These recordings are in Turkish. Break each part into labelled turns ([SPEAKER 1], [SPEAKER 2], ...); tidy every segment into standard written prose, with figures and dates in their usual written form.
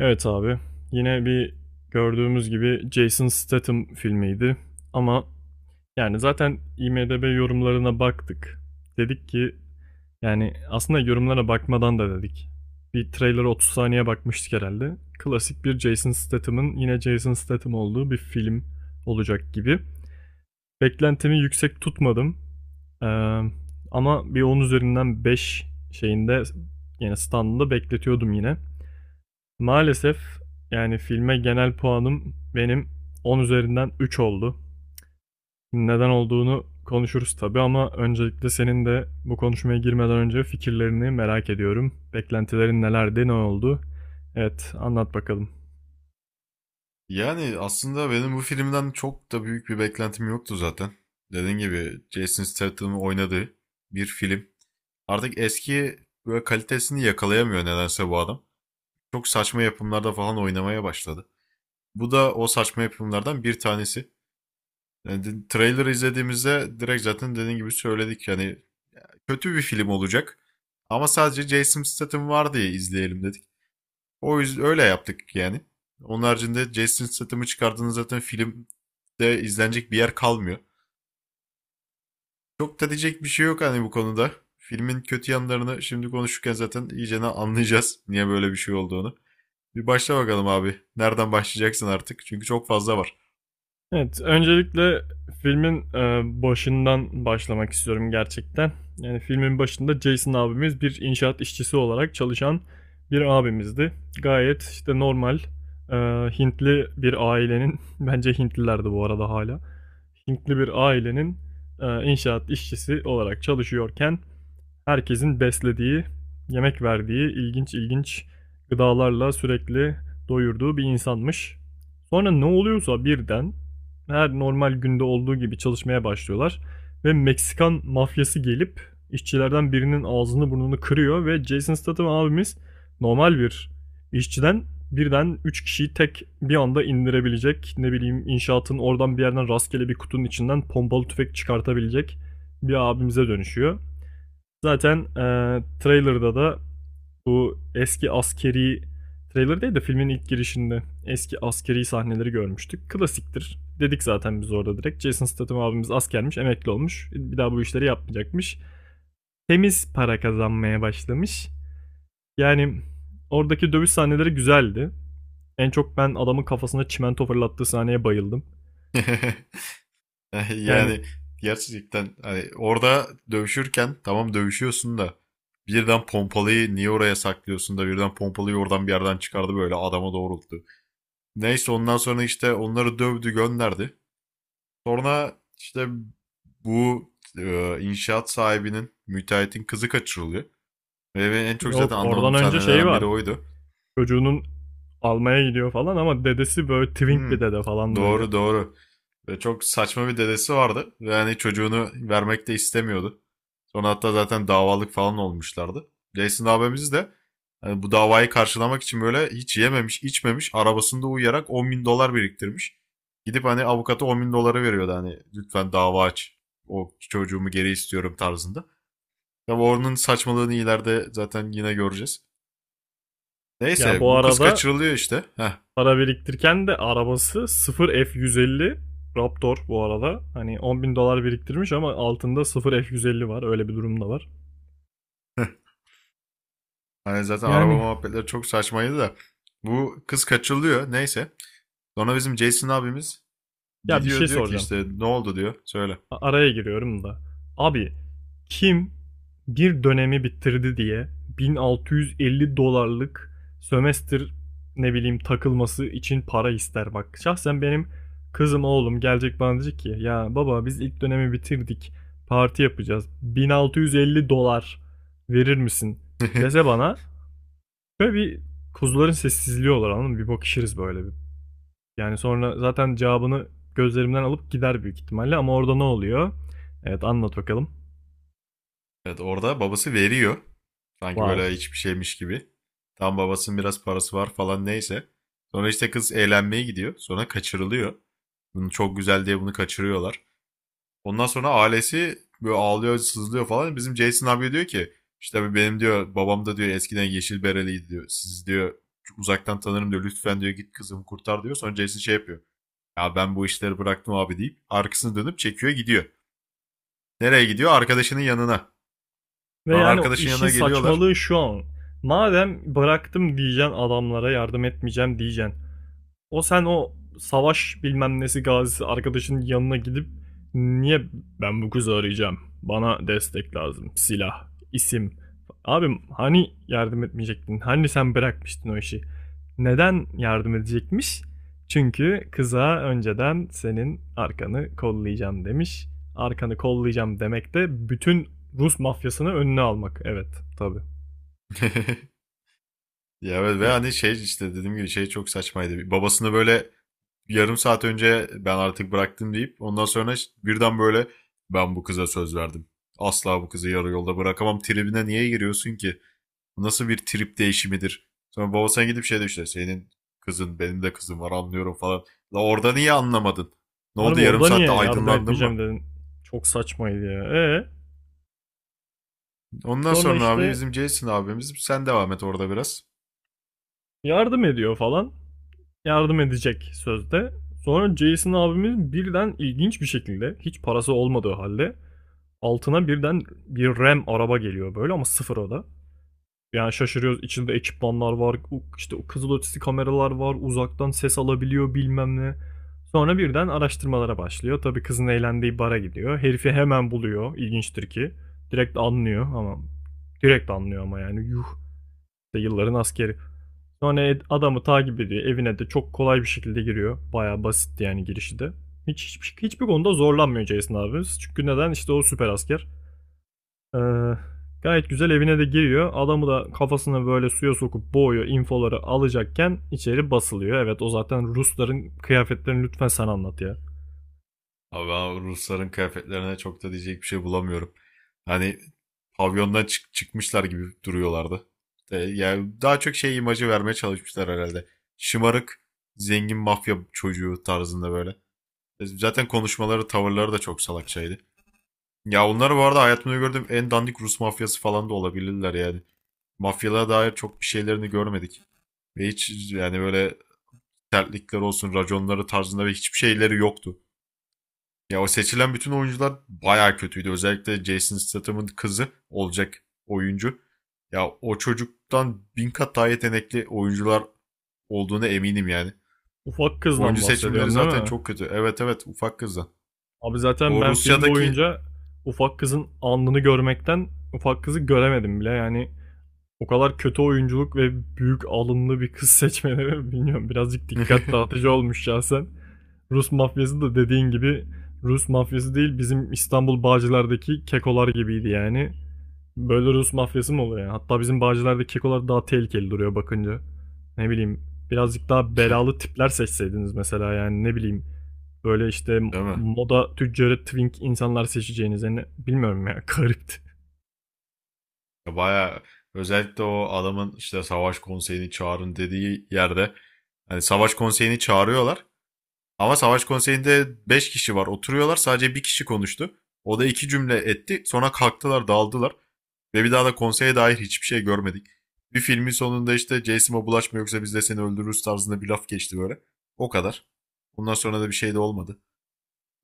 [SPEAKER 1] Evet abi. Yine bir gördüğümüz gibi Jason Statham filmiydi. Ama yani zaten IMDb yorumlarına baktık. Dedik ki yani aslında yorumlara bakmadan da dedik. Bir trailer'a 30 saniye bakmıştık herhalde. Klasik bir Jason Statham'ın yine Jason Statham olduğu bir film olacak gibi. Beklentimi yüksek tutmadım. Ee, ama bir 10 üzerinden 5 şeyinde yani standında bekletiyordum yine. Maalesef yani filme genel puanım benim 10 üzerinden 3 oldu. Neden olduğunu konuşuruz tabii ama öncelikle senin de bu konuşmaya girmeden önce fikirlerini merak ediyorum. Beklentilerin nelerdi, ne oldu? Evet, anlat bakalım.
[SPEAKER 2] Yani aslında benim bu filmden çok da büyük bir beklentim yoktu zaten. Dediğim gibi Jason Statham'ın oynadığı bir film. Artık eski böyle kalitesini yakalayamıyor nedense bu adam. Çok saçma yapımlarda falan oynamaya başladı. Bu da o saçma yapımlardan bir tanesi. Yani trailer izlediğimizde direkt zaten dediğim gibi söyledik yani kötü bir film olacak. Ama sadece Jason Statham var diye izleyelim dedik. O yüzden öyle yaptık yani. Onun haricinde Jason Statham'ı çıkardığınız zaten filmde izlenecek bir yer kalmıyor. Çok da diyecek bir şey yok hani bu konuda. Filmin kötü yanlarını şimdi konuşurken zaten iyicene anlayacağız niye böyle bir şey olduğunu. Bir başla bakalım abi. Nereden başlayacaksın artık? Çünkü çok fazla var.
[SPEAKER 1] Evet, öncelikle filmin, başından başlamak istiyorum gerçekten. Yani, filmin başında Jason abimiz bir inşaat işçisi olarak çalışan bir abimizdi. Gayet, işte, normal, eee, Hintli bir ailenin bence Hintliler de bu arada hala Hintli bir ailenin, inşaat işçisi olarak çalışıyorken herkesin beslediği, yemek verdiği, ilginç ilginç gıdalarla sürekli doyurduğu bir insanmış. Sonra ne oluyorsa birden her normal günde olduğu gibi çalışmaya başlıyorlar ve Meksikan mafyası gelip işçilerden birinin ağzını burnunu kırıyor ve Jason Statham abimiz normal bir işçiden birden 3 kişiyi tek bir anda indirebilecek. Ne bileyim inşaatın oradan bir yerden rastgele bir kutunun içinden pompalı tüfek çıkartabilecek bir abimize dönüşüyor. Zaten trailer'da da bu eski askeri trailer değil de filmin ilk girişinde eski askeri sahneleri görmüştük. Klasiktir. Dedik zaten biz orada direkt. Jason Statham abimiz askermiş, emekli olmuş. Bir daha bu işleri yapmayacakmış. Temiz para kazanmaya başlamış. Yani oradaki dövüş sahneleri güzeldi. En çok ben adamın kafasına çimento fırlattığı sahneye bayıldım. Yani
[SPEAKER 2] Yani gerçekten hani orada dövüşürken tamam dövüşüyorsun da birden pompalıyı niye oraya saklıyorsun da birden pompalıyı oradan bir yerden çıkardı böyle adama doğrulttu. Neyse ondan sonra işte onları dövdü gönderdi. Sonra işte bu inşaat sahibinin, müteahhitin kızı kaçırılıyor. Ve benim en çok
[SPEAKER 1] yok
[SPEAKER 2] zaten
[SPEAKER 1] oradan
[SPEAKER 2] anlamadığım
[SPEAKER 1] önce şey
[SPEAKER 2] sahnelerden biri
[SPEAKER 1] var.
[SPEAKER 2] oydu.
[SPEAKER 1] Çocuğunun almaya gidiyor falan ama dedesi böyle twink bir
[SPEAKER 2] Hmm,
[SPEAKER 1] dede falan böyle.
[SPEAKER 2] doğru doğru. Ve çok saçma bir dedesi vardı. Ve hani çocuğunu vermek de istemiyordu. Sonra hatta zaten davalık falan olmuşlardı. Jason abimiz de hani bu davayı karşılamak için böyle hiç yememiş, içmemiş, arabasında uyuyarak 10 bin dolar biriktirmiş. Gidip hani avukata 10 bin doları veriyordu hani lütfen dava aç. O çocuğumu geri istiyorum tarzında. Tabi onun saçmalığını ileride zaten yine göreceğiz.
[SPEAKER 1] Ya
[SPEAKER 2] Neyse
[SPEAKER 1] bu
[SPEAKER 2] bu kız
[SPEAKER 1] arada
[SPEAKER 2] kaçırılıyor işte. Heh.
[SPEAKER 1] para biriktirirken de arabası 0 F150 Raptor bu arada. Hani 10 bin dolar biriktirmiş ama altında 0 F150 var. Öyle bir durum da var.
[SPEAKER 2] Hani zaten araba
[SPEAKER 1] Yani
[SPEAKER 2] muhabbetleri çok saçmaydı da. Bu kız kaçırılıyor neyse. Sonra bizim Jason abimiz
[SPEAKER 1] ya bir
[SPEAKER 2] gidiyor
[SPEAKER 1] şey
[SPEAKER 2] diyor ki
[SPEAKER 1] soracağım.
[SPEAKER 2] işte ne oldu diyor söyle.
[SPEAKER 1] Araya giriyorum da. Abi kim bir dönemi bitirdi diye 1650 dolarlık sömestr ne bileyim takılması için para ister bak. Şahsen benim kızım oğlum gelecek bana diyecek ki ya baba biz ilk dönemi bitirdik parti yapacağız 1650 dolar verir misin dese bana böyle bir kuzuların sessizliği olur anladın mı? Bir bakışırız böyle bir yani sonra zaten cevabını gözlerimden alıp gider büyük ihtimalle ama orada ne oluyor? Evet anlat bakalım.
[SPEAKER 2] Evet orada babası veriyor. Sanki
[SPEAKER 1] Wow.
[SPEAKER 2] böyle hiçbir şeymiş gibi. Tam babasının biraz parası var falan neyse. Sonra işte kız eğlenmeye gidiyor. Sonra kaçırılıyor. Bunu çok güzel diye bunu kaçırıyorlar. Ondan sonra ailesi böyle ağlıyor, sızlıyor falan. Bizim Jason abi diyor ki işte benim diyor babam da diyor eskiden yeşil bereliydi diyor. Siz diyor uzaktan tanırım diyor. Lütfen diyor git kızımı kurtar diyor. Sonra Jason şey yapıyor. Ya ben bu işleri bıraktım abi deyip arkasını dönüp çekiyor gidiyor. Nereye gidiyor? Arkadaşının yanına.
[SPEAKER 1] Ve
[SPEAKER 2] Sonra
[SPEAKER 1] yani
[SPEAKER 2] arkadaşın
[SPEAKER 1] işin
[SPEAKER 2] yanına geliyorlar.
[SPEAKER 1] saçmalığı şu an. Madem bıraktım diyeceksin adamlara yardım etmeyeceğim diyeceksin. O sen o savaş bilmem nesi gazisi arkadaşın yanına gidip niye ben bu kızı arayacağım? Bana destek lazım. Silah, isim. Abim hani yardım etmeyecektin? Hani sen bırakmıştın o işi? Neden yardım edecekmiş? Çünkü kıza önceden senin arkanı kollayacağım demiş. Arkanı kollayacağım demek de bütün Rus mafyasını önüne almak. Evet, tabii.
[SPEAKER 2] Ya evet ve
[SPEAKER 1] Ya,
[SPEAKER 2] hani şey işte dediğim gibi şey çok saçmaydı. Babasını böyle yarım saat önce ben artık bıraktım deyip ondan sonra işte birden böyle ben bu kıza söz verdim. Asla bu kızı yarı yolda bırakamam tribine niye giriyorsun ki? Nasıl bir trip değişimidir? Sonra baba gidip şey de işte senin kızın benim de kızım var anlıyorum falan. La orada niye anlamadın? Ne
[SPEAKER 1] abi
[SPEAKER 2] oldu yarım
[SPEAKER 1] orada
[SPEAKER 2] saatte
[SPEAKER 1] niye yardım
[SPEAKER 2] aydınlandın mı?
[SPEAKER 1] etmeyeceğim dedin? Çok saçmaydı ya. Ee?
[SPEAKER 2] Ondan
[SPEAKER 1] Sonra
[SPEAKER 2] sonra abi
[SPEAKER 1] işte
[SPEAKER 2] bizim Jason abimiz sen devam et orada biraz.
[SPEAKER 1] yardım ediyor falan. Yardım edecek sözde. Sonra Jason abimiz birden ilginç bir şekilde hiç parası olmadığı halde altına birden bir RAM araba geliyor böyle ama sıfır o da. Yani şaşırıyoruz içinde ekipmanlar var işte o kızıl kameralar var uzaktan ses alabiliyor bilmem ne. Sonra birden araştırmalara başlıyor. Tabii kızın eğlendiği bara gidiyor. Herifi hemen buluyor. İlginçtir ki. Direkt anlıyor ama direkt anlıyor ama yani yuh. İşte yılların askeri. Sonra adamı takip ediyor. Evine de çok kolay bir şekilde giriyor. Bayağı basitti yani girişi de. Hiçbir konuda zorlanmıyor Jason abimiz. Çünkü neden? İşte o süper asker. Ee, gayet güzel evine de giriyor. Adamı da kafasına böyle suya sokup boğuyor. İnfoları alacakken içeri basılıyor. Evet o zaten Rusların kıyafetlerini lütfen sen anlat ya.
[SPEAKER 2] Abi ben Rusların kıyafetlerine çok da diyecek bir şey bulamıyorum. Hani pavyondan çıkmışlar gibi duruyorlardı. E, yani daha çok şey imajı vermeye çalışmışlar herhalde. Şımarık, zengin mafya çocuğu tarzında böyle. E, zaten konuşmaları, tavırları da çok salakçaydı. Ya onlar bu arada hayatımda gördüğüm en dandik Rus mafyası falan da olabilirler yani. Mafyalara dair çok bir şeylerini görmedik. Ve hiç yani böyle sertlikler olsun, raconları tarzında ve hiçbir şeyleri yoktu. Ya o seçilen bütün oyuncular bayağı kötüydü. Özellikle Jason Statham'ın kızı olacak oyuncu. Ya o çocuktan bin kat daha yetenekli oyuncular olduğuna eminim yani.
[SPEAKER 1] Ufak kızdan
[SPEAKER 2] Oyuncu seçimleri
[SPEAKER 1] bahsediyorsun değil
[SPEAKER 2] zaten
[SPEAKER 1] mi?
[SPEAKER 2] çok kötü. Evet, evet, ufak kızdan.
[SPEAKER 1] Abi zaten
[SPEAKER 2] O
[SPEAKER 1] ben film
[SPEAKER 2] Rusya'daki...
[SPEAKER 1] boyunca ufak kızın alnını görmekten ufak kızı göremedim bile. Yani o kadar kötü oyunculuk ve büyük alınlı bir kız seçmeleri bilmiyorum. Birazcık dikkat dağıtıcı olmuş şahsen. Rus mafyası da dediğin gibi Rus mafyası değil bizim İstanbul Bağcılar'daki kekolar gibiydi yani. Böyle Rus mafyası mı oluyor? Yani? Hatta bizim Bağcılar'daki kekolar daha tehlikeli duruyor bakınca. Ne bileyim birazcık daha belalı tipler seçseydiniz mesela yani ne bileyim. Böyle işte
[SPEAKER 2] Değil mi?
[SPEAKER 1] moda tüccarı twink insanlar seçeceğiniz yani bilmiyorum ya garipti.
[SPEAKER 2] Ya bayağı özellikle o adamın işte savaş konseyini çağırın dediği yerde hani savaş konseyini çağırıyorlar ama savaş konseyinde 5 kişi var oturuyorlar sadece bir kişi konuştu. O da iki cümle etti sonra kalktılar dağıldılar ve bir daha da konseye dair hiçbir şey görmedik. Bir filmin sonunda işte Jason'a bulaşma yoksa biz de seni öldürürüz tarzında bir laf geçti böyle. O kadar. Bundan sonra da bir şey de olmadı.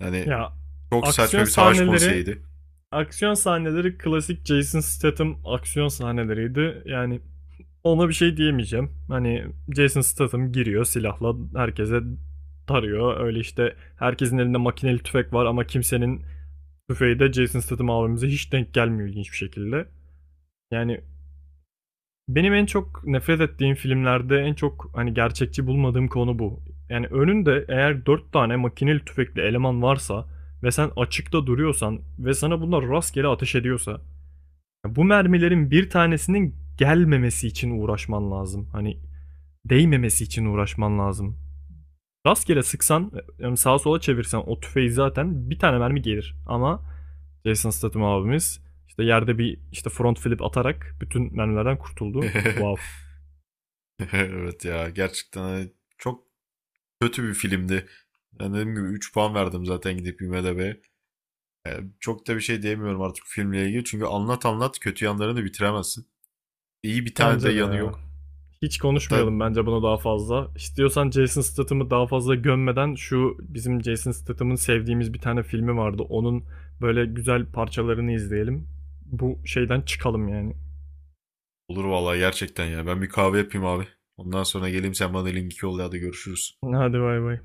[SPEAKER 2] Yani
[SPEAKER 1] Ya
[SPEAKER 2] çok
[SPEAKER 1] aksiyon
[SPEAKER 2] saçma bir savaş
[SPEAKER 1] sahneleri
[SPEAKER 2] konseyiydi.
[SPEAKER 1] aksiyon sahneleri klasik Jason Statham aksiyon sahneleriydi. Yani ona bir şey diyemeyeceğim. Hani Jason Statham giriyor silahla herkese tarıyor. Öyle işte herkesin elinde makineli tüfek var ama kimsenin tüfeği de Jason Statham abimize hiç denk gelmiyor ilginç bir şekilde. Yani benim en çok nefret ettiğim filmlerde en çok, hani, gerçekçi bulmadığım konu bu. Yani, önünde eğer 4 tane makineli tüfekli eleman varsa ve sen açıkta duruyorsan ve sana bunlar rastgele ateş ediyorsa, bu mermilerin bir tanesinin gelmemesi için uğraşman lazım. Hani, değmemesi için uğraşman lazım. Rastgele sıksan, yani, sağa sola çevirsen o tüfeği zaten bir tane mermi gelir ama Jason Statham abimiz, işte, yerde bir, işte, front flip atarak bütün mermilerden kurtuldu. Wow.
[SPEAKER 2] Evet ya gerçekten hani çok kötü bir filmdi. Yani dediğim gibi 3 puan verdim zaten gidip IMDb'ye. Yani çok da bir şey diyemiyorum artık filmle ilgili. Çünkü anlat anlat kötü yanlarını bitiremezsin. İyi bir tane de
[SPEAKER 1] Bence de
[SPEAKER 2] yanı
[SPEAKER 1] ya.
[SPEAKER 2] yok.
[SPEAKER 1] Hiç
[SPEAKER 2] Hatta
[SPEAKER 1] konuşmayalım bence bunu daha fazla. İstiyorsan Jason Statham'ı daha fazla gömmeden şu bizim Jason Statham'ın sevdiğimiz bir tane filmi vardı. Onun böyle güzel parçalarını izleyelim. Bu şeyden çıkalım yani.
[SPEAKER 2] olur vallahi gerçekten ya. Ben bir kahve yapayım abi. Ondan sonra geleyim sen bana linki yolla hadi görüşürüz.
[SPEAKER 1] Hadi bay bay.